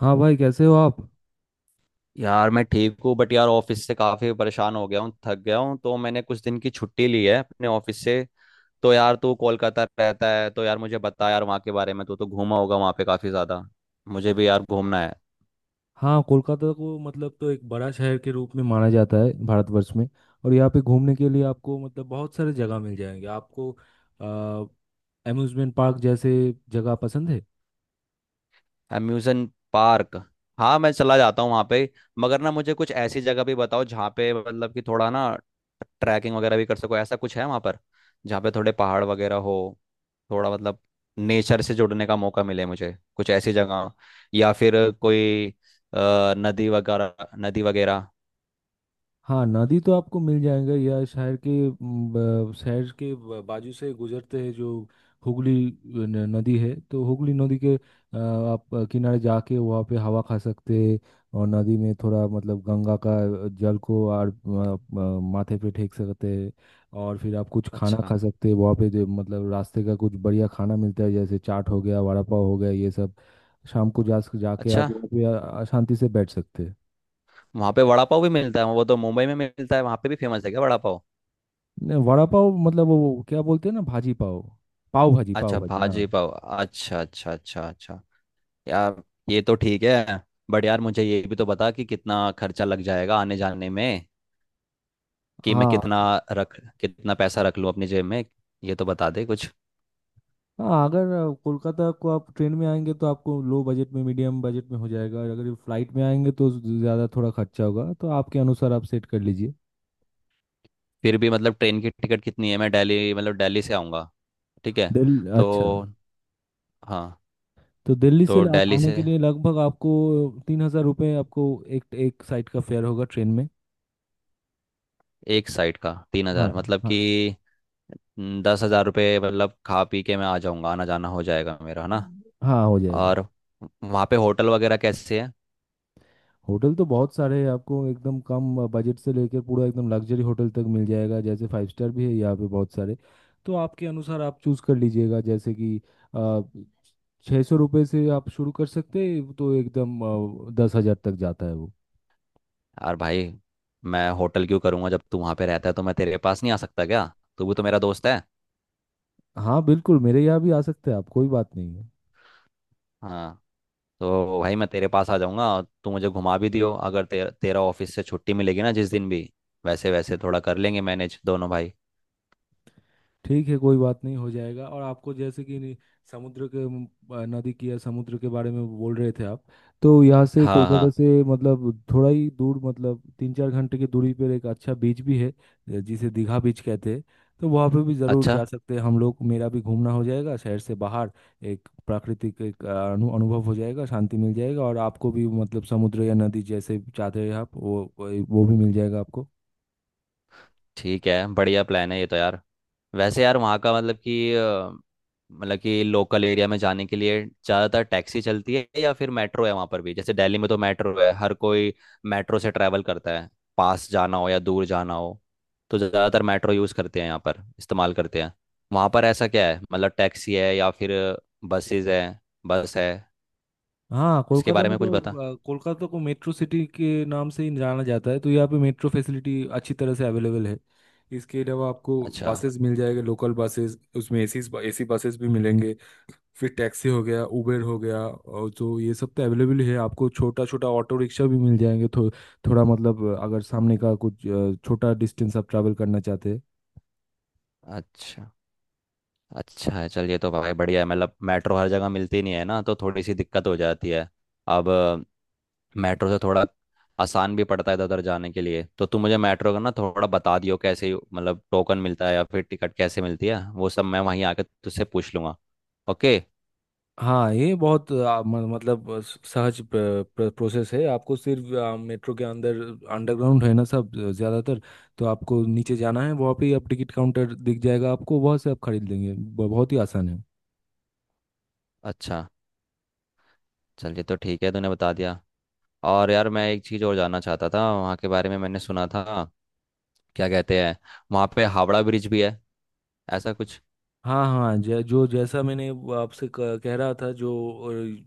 हाँ भाई, कैसे हो आप। यार मैं ठीक हूँ बट यार ऑफिस से काफी परेशान हो गया हूँ, थक गया हूँ, तो मैंने कुछ दिन की छुट्टी ली है अपने ऑफिस से। तो यार तू कोलकाता रहता है, तो यार मुझे बता यार वहाँ के बारे में, तू तो घूमा होगा वहाँ पे काफी ज्यादा। मुझे भी यार घूमना है। हाँ, कोलकाता को मतलब तो एक बड़ा शहर के रूप में माना जाता है भारतवर्ष में। और यहाँ पे घूमने के लिए आपको मतलब बहुत सारे जगह मिल जाएंगे आपको। अम्यूज़मेंट पार्क जैसे जगह पसंद है। Amusement park. हाँ मैं चला जाता हूँ वहाँ पे। मगर ना मुझे कुछ ऐसी जगह भी बताओ जहाँ पे मतलब कि थोड़ा ना ट्रैकिंग वगैरह भी कर सको, ऐसा कुछ है वहाँ पर? जहाँ पे थोड़े पहाड़ वगैरह हो, थोड़ा मतलब नेचर से जुड़ने का मौका मिले, मुझे कुछ ऐसी जगह, या फिर कोई नदी वगैरह नदी वगैरह। हाँ, नदी तो आपको मिल जाएगा या शहर के म, ब- शहर के ब- बाजू से गुजरते हैं जो हुगली नदी है। तो हुगली नदी के आप किनारे जाके वहाँ पे हवा खा सकते हैं। और नदी में थोड़ा मतलब गंगा का जल को और माथे पे फेंक सकते हैं। और फिर आप कुछ खाना अच्छा। खा सकते हैं वहाँ पे जो मतलब रास्ते का कुछ बढ़िया खाना मिलता है, जैसे चाट हो गया, वड़ा पाव हो गया, ये सब। शाम को जा जाके आप अच्छा। वहाँ पे शांति से बैठ सकते हैं। वहाँ पे वड़ा पाव भी मिलता है? वो तो मुंबई में मिलता है, वहाँ पे भी फेमस है क्या वड़ा पाव? नहीं, वड़ा पाव मतलब वो क्या बोलते हैं ना, भाजी पाव। पाव भाजी, पाव अच्छा, भाजी। हाँ भाजी पाव। अच्छा अच्छा अच्छा अच्छा। यार, ये तो ठीक है, बट यार मुझे ये भी तो बता कि कितना खर्चा लग जाएगा आने जाने में, कि मैं कितना हाँ। रख कितना पैसा रख लूँ अपनी जेब में। ये तो बता दे कुछ। हाँ, अगर कोलकाता को आप ट्रेन में आएंगे तो आपको लो बजट में, मीडियम बजट में हो जाएगा, और अगर फ्लाइट में आएंगे तो ज़्यादा थोड़ा खर्चा होगा, तो आपके अनुसार आप सेट कर लीजिए। फिर भी मतलब ट्रेन की टिकट कितनी है? मैं दिल्ली मतलब दिल्ली से आऊँगा। ठीक है। दिल अच्छा। तो। हाँ। तो दिल्ली से तो दिल्ली आने के से। लिए लगभग आपको 3,000 रुपये आपको एक एक साइड का फेयर होगा ट्रेन में। एक साइड का तीन हाँ, हज़ार मतलब हाँ, कि। 10,000 रुपये मतलब खा पी के मैं आ जाऊँगा, आना जाना हो जाएगा मेरा, है ना? हाँ। हो जाएगा। और वहाँ पे होटल वगैरह कैसे है? होटल तो बहुत सारे हैं, आपको एकदम कम बजट से लेकर पूरा एकदम लग्जरी होटल तक मिल जाएगा, जैसे फाइव स्टार भी है यहाँ पे बहुत सारे। तो आपके अनुसार आप चूज़ कर लीजिएगा, जैसे कि 600 रुपये से आप शुरू कर सकते हैं, तो एकदम 10,000 तक जाता है वो। यार भाई, मैं होटल क्यों करूँगा? जब तू वहाँ पे रहता है तो मैं तेरे पास नहीं आ सकता क्या? तू भी तो मेरा दोस्त है। हाँ, बिल्कुल, मेरे यहाँ भी आ सकते हैं आप, कोई बात नहीं है। हाँ। तो भाई मैं तेरे पास आ जाऊंगा, और तू मुझे घुमा भी दियो अगर तेरा ऑफिस से छुट्टी मिलेगी ना जिस दिन भी। वैसे वैसे थोड़ा कर लेंगे मैनेज दोनों भाई। ठीक है, कोई बात नहीं, हो जाएगा। और आपको जैसे कि नि- समुद्र के म, अ, नदी की या समुद्र के बारे में बोल रहे थे आप। तो यहाँ से हाँ कोलकाता हाँ। से मतलब थोड़ा ही दूर, मतलब 3-4 घंटे की दूरी पर एक अच्छा बीच भी है, जिसे दीघा बीच कहते हैं। तो वहाँ पे भी ज़रूर अच्छा। जा सकते हैं हम लोग, मेरा भी घूमना हो जाएगा शहर से बाहर। एक प्राकृतिक एक अ, अनु अनुभव हो जाएगा, शांति मिल जाएगा, और आपको भी मतलब समुद्र या नदी जैसे चाहते हैं आप, वो भी मिल जाएगा आपको। ठीक है, बढ़िया प्लान है ये तो यार। वैसे यार वहाँ का मतलब कि मतलब कि लोकल एरिया में जाने के लिए ज़्यादातर टैक्सी चलती है या फिर मेट्रो है वहाँ पर भी? जैसे दिल्ली में तो मेट्रो है, हर कोई मेट्रो से ट्रैवल करता है, पास जाना हो या दूर जाना हो, तो ज़्यादातर मेट्रो यूज़ करते हैं यहाँ पर, इस्तेमाल करते हैं। वहाँ पर ऐसा क्या है मतलब, टैक्सी है या फिर बसेज है, बस है? हाँ, इसके कोलकाता बारे में में कुछ बता। तो अ, कोलकाता को मेट्रो सिटी के नाम से ही जाना जाता है, तो यहाँ पे मेट्रो फैसिलिटी अच्छी तरह से अवेलेबल है। इसके अलावा आपको अच्छा। बसेस मिल जाएगा, लोकल बसेस, उसमें एसी एसी बसेस भी मिलेंगे। फिर टैक्सी हो गया, उबेर हो गया, और तो ये सब तो अवेलेबल है, आपको छोटा छोटा ऑटो रिक्शा भी मिल जाएंगे। थोड़ा मतलब अगर सामने का कुछ छोटा डिस्टेंस आप ट्रैवल करना चाहते हैं। अच्छा। अच्छा है, चलिए तो भाई बढ़िया है, मतलब मेट्रो हर जगह मिलती नहीं है ना, तो थोड़ी सी दिक्कत हो जाती है। अब मेट्रो से थोड़ा आसान भी पड़ता है इधर उधर जाने के लिए। तो तुम मुझे मेट्रो का ना थोड़ा बता दियो, कैसे मतलब टोकन मिलता है या फिर टिकट कैसे मिलती है, वो सब मैं वहीं आके तुझसे पूछ लूँगा। ओके। हाँ, ये बहुत आ, म- मतलब आ, स- सहज प्रोसेस है। आपको सिर्फ मेट्रो के अंदर, अंडरग्राउंड है ना सब, ज़्यादातर। तो आपको नीचे जाना है, वहाँ पे ही आप टिकट काउंटर दिख जाएगा आपको, वहाँ से आप खरीद लेंगे, बहुत ही आसान है। अच्छा। चलिए तो ठीक है, तूने बता दिया। और यार मैं एक चीज़ और जानना चाहता था वहाँ के बारे में, मैंने सुना था, क्या कहते हैं, वहाँ पे हावड़ा ब्रिज भी है ऐसा कुछ? हाँ हाँ, जै, जो जैसा मैंने वो आपसे कह रहा था, जो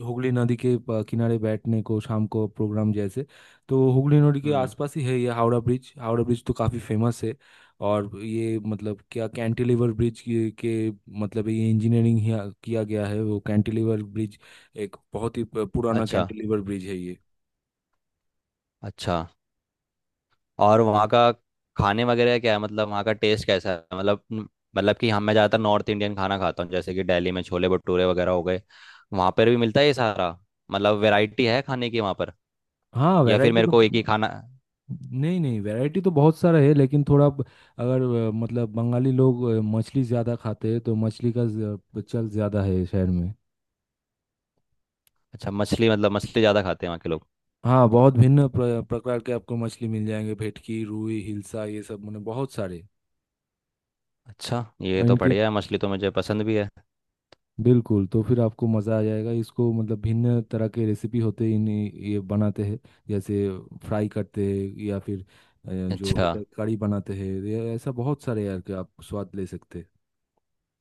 हुगली नदी के किनारे बैठने को शाम को प्रोग्राम जैसे। तो हुगली नदी के हम्म। आसपास ही है ये हावड़ा ब्रिज। हावड़ा ब्रिज तो काफ़ी फेमस है, और ये मतलब क्या कैंटिलीवर ब्रिज के मतलब ये इंजीनियरिंग किया गया है वो, कैंटिलीवर ब्रिज, एक बहुत ही पुराना अच्छा। कैंटिलीवर ब्रिज है ये। अच्छा। और वहाँ का खाने वगैरह क्या है, मतलब वहाँ का टेस्ट कैसा है, मतलब मतलब कि हम मैं ज़्यादातर नॉर्थ इंडियन खाना खाता हूँ, जैसे कि दिल्ली में छोले भटूरे वगैरह हो गए। वहाँ पर भी मिलता है ये सारा, मतलब वैरायटी है खाने की वहाँ पर? हाँ, या फिर वैरायटी मेरे तो। को एक ही खाना। नहीं नहीं, वैरायटी तो बहुत सारा है, लेकिन थोड़ा ब- अगर अ, मतलब बंगाली लोग मछली ज़्यादा खाते हैं, तो मछली का चल ज़्यादा है शहर में। अच्छा, मछली मतलब, मछली ज़्यादा खाते हैं वहाँ के लोग? हाँ, बहुत भिन्न प्रकार के आपको मछली मिल जाएंगे, भेटकी, रुई, हिल्सा, ये सब मतलब बहुत सारे। अच्छा, ये और तो इनके बढ़िया है, मछली तो मुझे पसंद भी है। बिल्कुल, तो फिर आपको मज़ा आ जाएगा इसको, मतलब भिन्न तरह के रेसिपी होते हैं इन, ये बनाते हैं, जैसे फ्राई करते हैं, या फिर जो अच्छा। होता है कड़ी बनाते हैं, ये ऐसा बहुत सारे यार के आप स्वाद ले सकते हैं।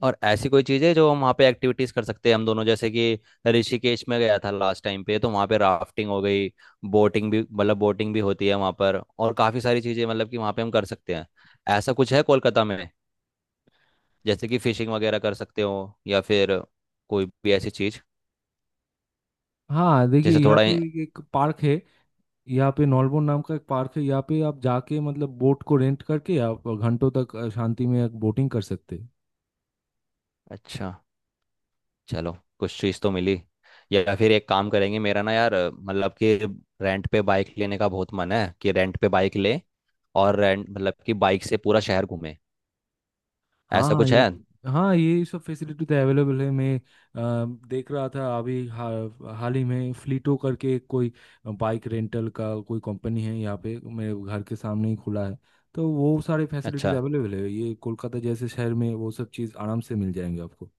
और ऐसी कोई चीज़ है जो हम वहाँ पे एक्टिविटीज कर सकते हैं हम दोनों? जैसे कि ऋषिकेश में गया था लास्ट टाइम पे, तो वहाँ पे राफ्टिंग हो गई, बोटिंग भी, मतलब बोटिंग भी होती है वहाँ पर और काफ़ी सारी चीज़ें मतलब कि वहाँ पे हम कर सकते हैं, ऐसा कुछ है कोलकाता में? जैसे कि फिशिंग वगैरह कर सकते हो या फिर कोई भी ऐसी चीज़, हाँ, देखिए जैसे यहाँ थोड़ा पे एक पार्क है, यहाँ पे नॉलबोन नाम का एक पार्क है, यहाँ पे आप जाके मतलब बोट को रेंट करके आप घंटों तक शांति में बोटिंग कर सकते हैं। अच्छा। चलो, कुछ चीज़ तो मिली। या फिर एक काम करेंगे, मेरा ना यार मतलब कि रेंट पे बाइक लेने का बहुत मन है, कि रेंट पे बाइक ले, और रेंट मतलब कि बाइक से पूरा शहर घूमे, हाँ ऐसा हाँ, कुछ ये। है? हाँ, ये सब फैसिलिटी तो अवेलेबल है, मैं देख रहा था अभी हाल ही में फ्लीटो करके कोई बाइक रेंटल का कोई कंपनी है यहाँ पे, मेरे घर के सामने ही खुला है। तो वो सारे फैसिलिटीज अच्छा, अवेलेबल है, ये कोलकाता जैसे शहर में वो सब चीज़ आराम से मिल जाएंगे आपको।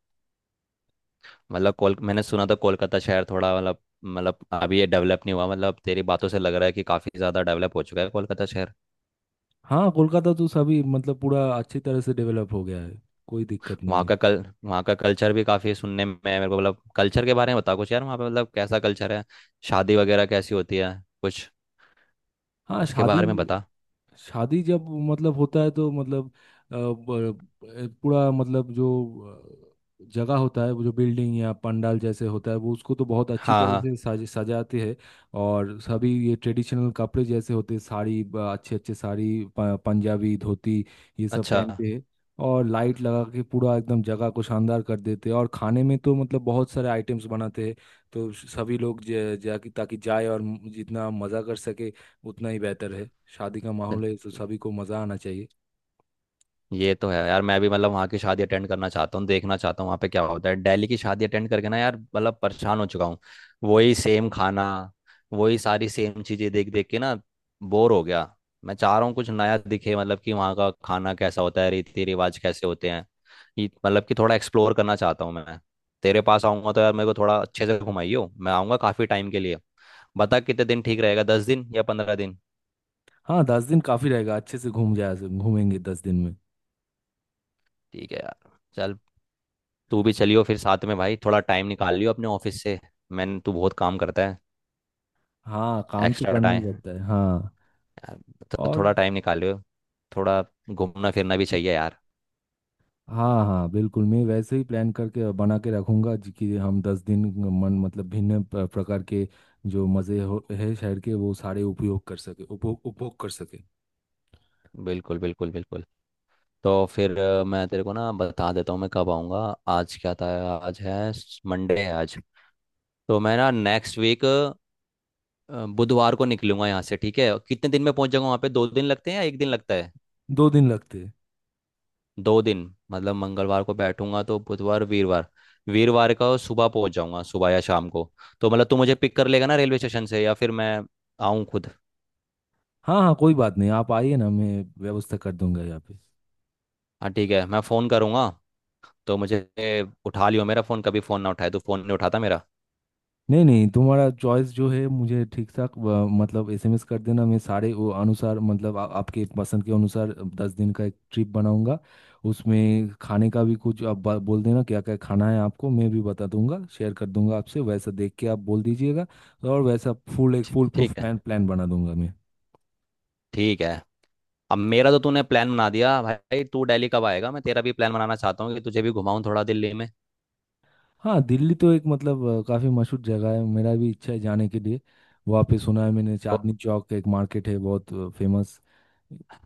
मतलब कोल मैंने सुना था कोलकाता शहर थोड़ा मतलब, मतलब अभी ये डेवलप नहीं हुआ, मतलब तेरी बातों से लग रहा है कि काफ़ी ज़्यादा डेवलप हो चुका है कोलकाता शहर। हाँ, कोलकाता तो सभी मतलब पूरा अच्छी तरह से डेवलप हो गया है, कोई दिक्कत नहीं वहाँ है। का कल वहाँ का कल्चर भी काफ़ी सुनने में है मेरे को, मतलब कल्चर के बारे में बता कुछ यार, वहाँ पे मतलब कैसा कल्चर है, शादी वगैरह कैसी होती है, कुछ हाँ, उसके शादी। बारे में बता। शादी जब मतलब होता है तो मतलब अ, ब- पूरा मतलब जो जगह होता है, वो जो बिल्डिंग या पंडाल जैसे होता है वो, उसको तो बहुत अच्छी हाँ तरह हाँ। से सज सजाते हैं। और सभी ये ट्रेडिशनल कपड़े जैसे होते हैं, साड़ी, अच्छे अच्छे साड़ी, पंजाबी, धोती, ये सब अच्छा। पहनते हैं। और लाइट लगा के पूरा एकदम जगह को शानदार कर देते हैं, और खाने में तो मतलब बहुत सारे आइटम्स बनाते हैं। तो सभी लोग जा ताकि जाए, और जितना मज़ा कर सके उतना ही बेहतर है, शादी का चल। माहौल है तो सभी को मजा आना चाहिए। ये तो है यार, मैं भी मतलब वहाँ की शादी अटेंड करना चाहता हूँ, देखना चाहता हूँ वहाँ पे क्या होता है। दिल्ली की शादी अटेंड करके ना यार मतलब परेशान हो चुका हूँ, वही सेम खाना, वही सारी सेम चीज़ें देख देख के ना बोर हो गया। मैं चाह रहा हूँ कुछ नया दिखे, मतलब कि वहाँ का खाना कैसा होता है, रीति रिवाज कैसे होते हैं, ये मतलब कि थोड़ा एक्सप्लोर करना चाहता हूँ मैं। तेरे पास आऊँगा तो यार मेरे को थोड़ा अच्छे से घुमाइयो, मैं आऊँगा काफ़ी टाइम के लिए। बता कितने दिन ठीक रहेगा, 10 दिन या 15 दिन? हाँ, 10 दिन काफी रहेगा, अच्छे से घूमेंगे 10 दिन में। ठीक है यार। चल, तू भी चलियो फिर साथ में भाई, थोड़ा टाइम निकाल लियो अपने ऑफिस से, मैंने तू बहुत काम करता है। हाँ, काम तो एक्स्ट्रा करना ही टाइम पड़ता है। हाँ। तो और। थोड़ा टाइम निकाल लियो, थोड़ा घूमना फिरना भी चाहिए यार। हाँ हाँ, बिल्कुल। मैं वैसे ही प्लान करके बना के रखूंगा जी, कि हम 10 दिन मन मतलब भिन्न प्रकार के जो मज़े हो है शहर के, वो सारे उपयोग कर सके, उपभोग उपभोग कर सके। बिल्कुल बिल्कुल बिल्कुल। तो फिर मैं तेरे को ना बता देता हूँ मैं कब आऊँगा। आज क्या था, आज है, मंडे है आज। तो मैं ना नेक्स्ट वीक बुधवार को निकलूंगा यहाँ से, ठीक है? कितने दिन में पहुँच जाऊँगा वहाँ पे, 2 दिन लगते हैं या एक दिन लगता है? 2 दिन लगते हैं। 2 दिन, मतलब मंगलवार को बैठूंगा तो बुधवार वीरवार, वीरवार का सुबह पहुंच जाऊंगा, सुबह या शाम को? तो मतलब तू मुझे पिक कर लेगा ना रेलवे स्टेशन से या फिर मैं आऊं खुद? हाँ हाँ, कोई बात नहीं, आप आइए ना, मैं व्यवस्था कर दूंगा यहाँ पे। हाँ ठीक है, मैं फ़ोन करूंगा तो मुझे उठा लियो मेरा फ़ोन, कभी फ़ोन ना उठाए तो, फ़ोन नहीं उठाता मेरा। नहीं नहीं, तुम्हारा चॉइस जो है मुझे ठीक ठाक, मतलब एसएमएस कर देना, मैं सारे वो अनुसार मतलब आपके पसंद के अनुसार 10 दिन का एक ट्रिप बनाऊंगा। उसमें खाने का भी कुछ आप बोल देना क्या क्या खाना है आपको, मैं भी बता दूंगा, शेयर कर दूंगा आपसे, वैसा देख के आप बोल दीजिएगा। और वैसा फुल एक फुल प्रूफ ठीक है। प्लान प्लान बना दूंगा मैं। ठीक है। अब मेरा तो तूने प्लान बना दिया भाई, तू दिल्ली कब आएगा? मैं तेरा भी प्लान बनाना चाहता हूँ कि तुझे भी घुमाऊं थोड़ा दिल्ली में। हाँ, दिल्ली तो एक मतलब काफी मशहूर जगह है, मेरा भी इच्छा है जाने के लिए। वहाँ पे सुना है मैंने चांदनी चौक का एक मार्केट है बहुत फेमस।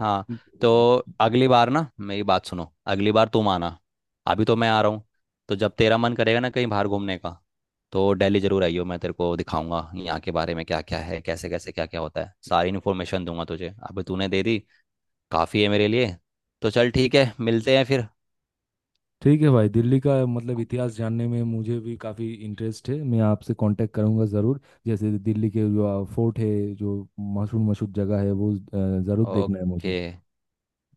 हाँ। तो अगली बार ना मेरी बात सुनो, अगली बार तुम आना, अभी तो मैं आ रहा हूँ। तो जब तेरा मन करेगा ना कहीं बाहर घूमने का, तो दिल्ली जरूर आइयो, मैं तेरे को दिखाऊंगा यहाँ के बारे में क्या क्या है, कैसे कैसे क्या क्या होता है, सारी इन्फॉर्मेशन दूंगा तुझे। अभी तूने दे दी, काफ़ी है मेरे लिए। तो चल ठीक है, मिलते हैं फिर। ठीक है भाई, दिल्ली का मतलब इतिहास जानने में मुझे भी काफ़ी इंटरेस्ट है, मैं आपसे कांटेक्ट करूंगा ज़रूर। जैसे दिल्ली के जो फोर्ट है, जो मशहूर मशहूर जगह है, वो ज़रूर देखना है ओके मुझे।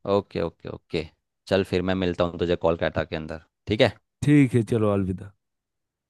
Okay okay okay. चल फिर मैं मिलता हूँ तुझे कोलकाता के अंदर, ठीक है। ठीक है, चलो, अलविदा।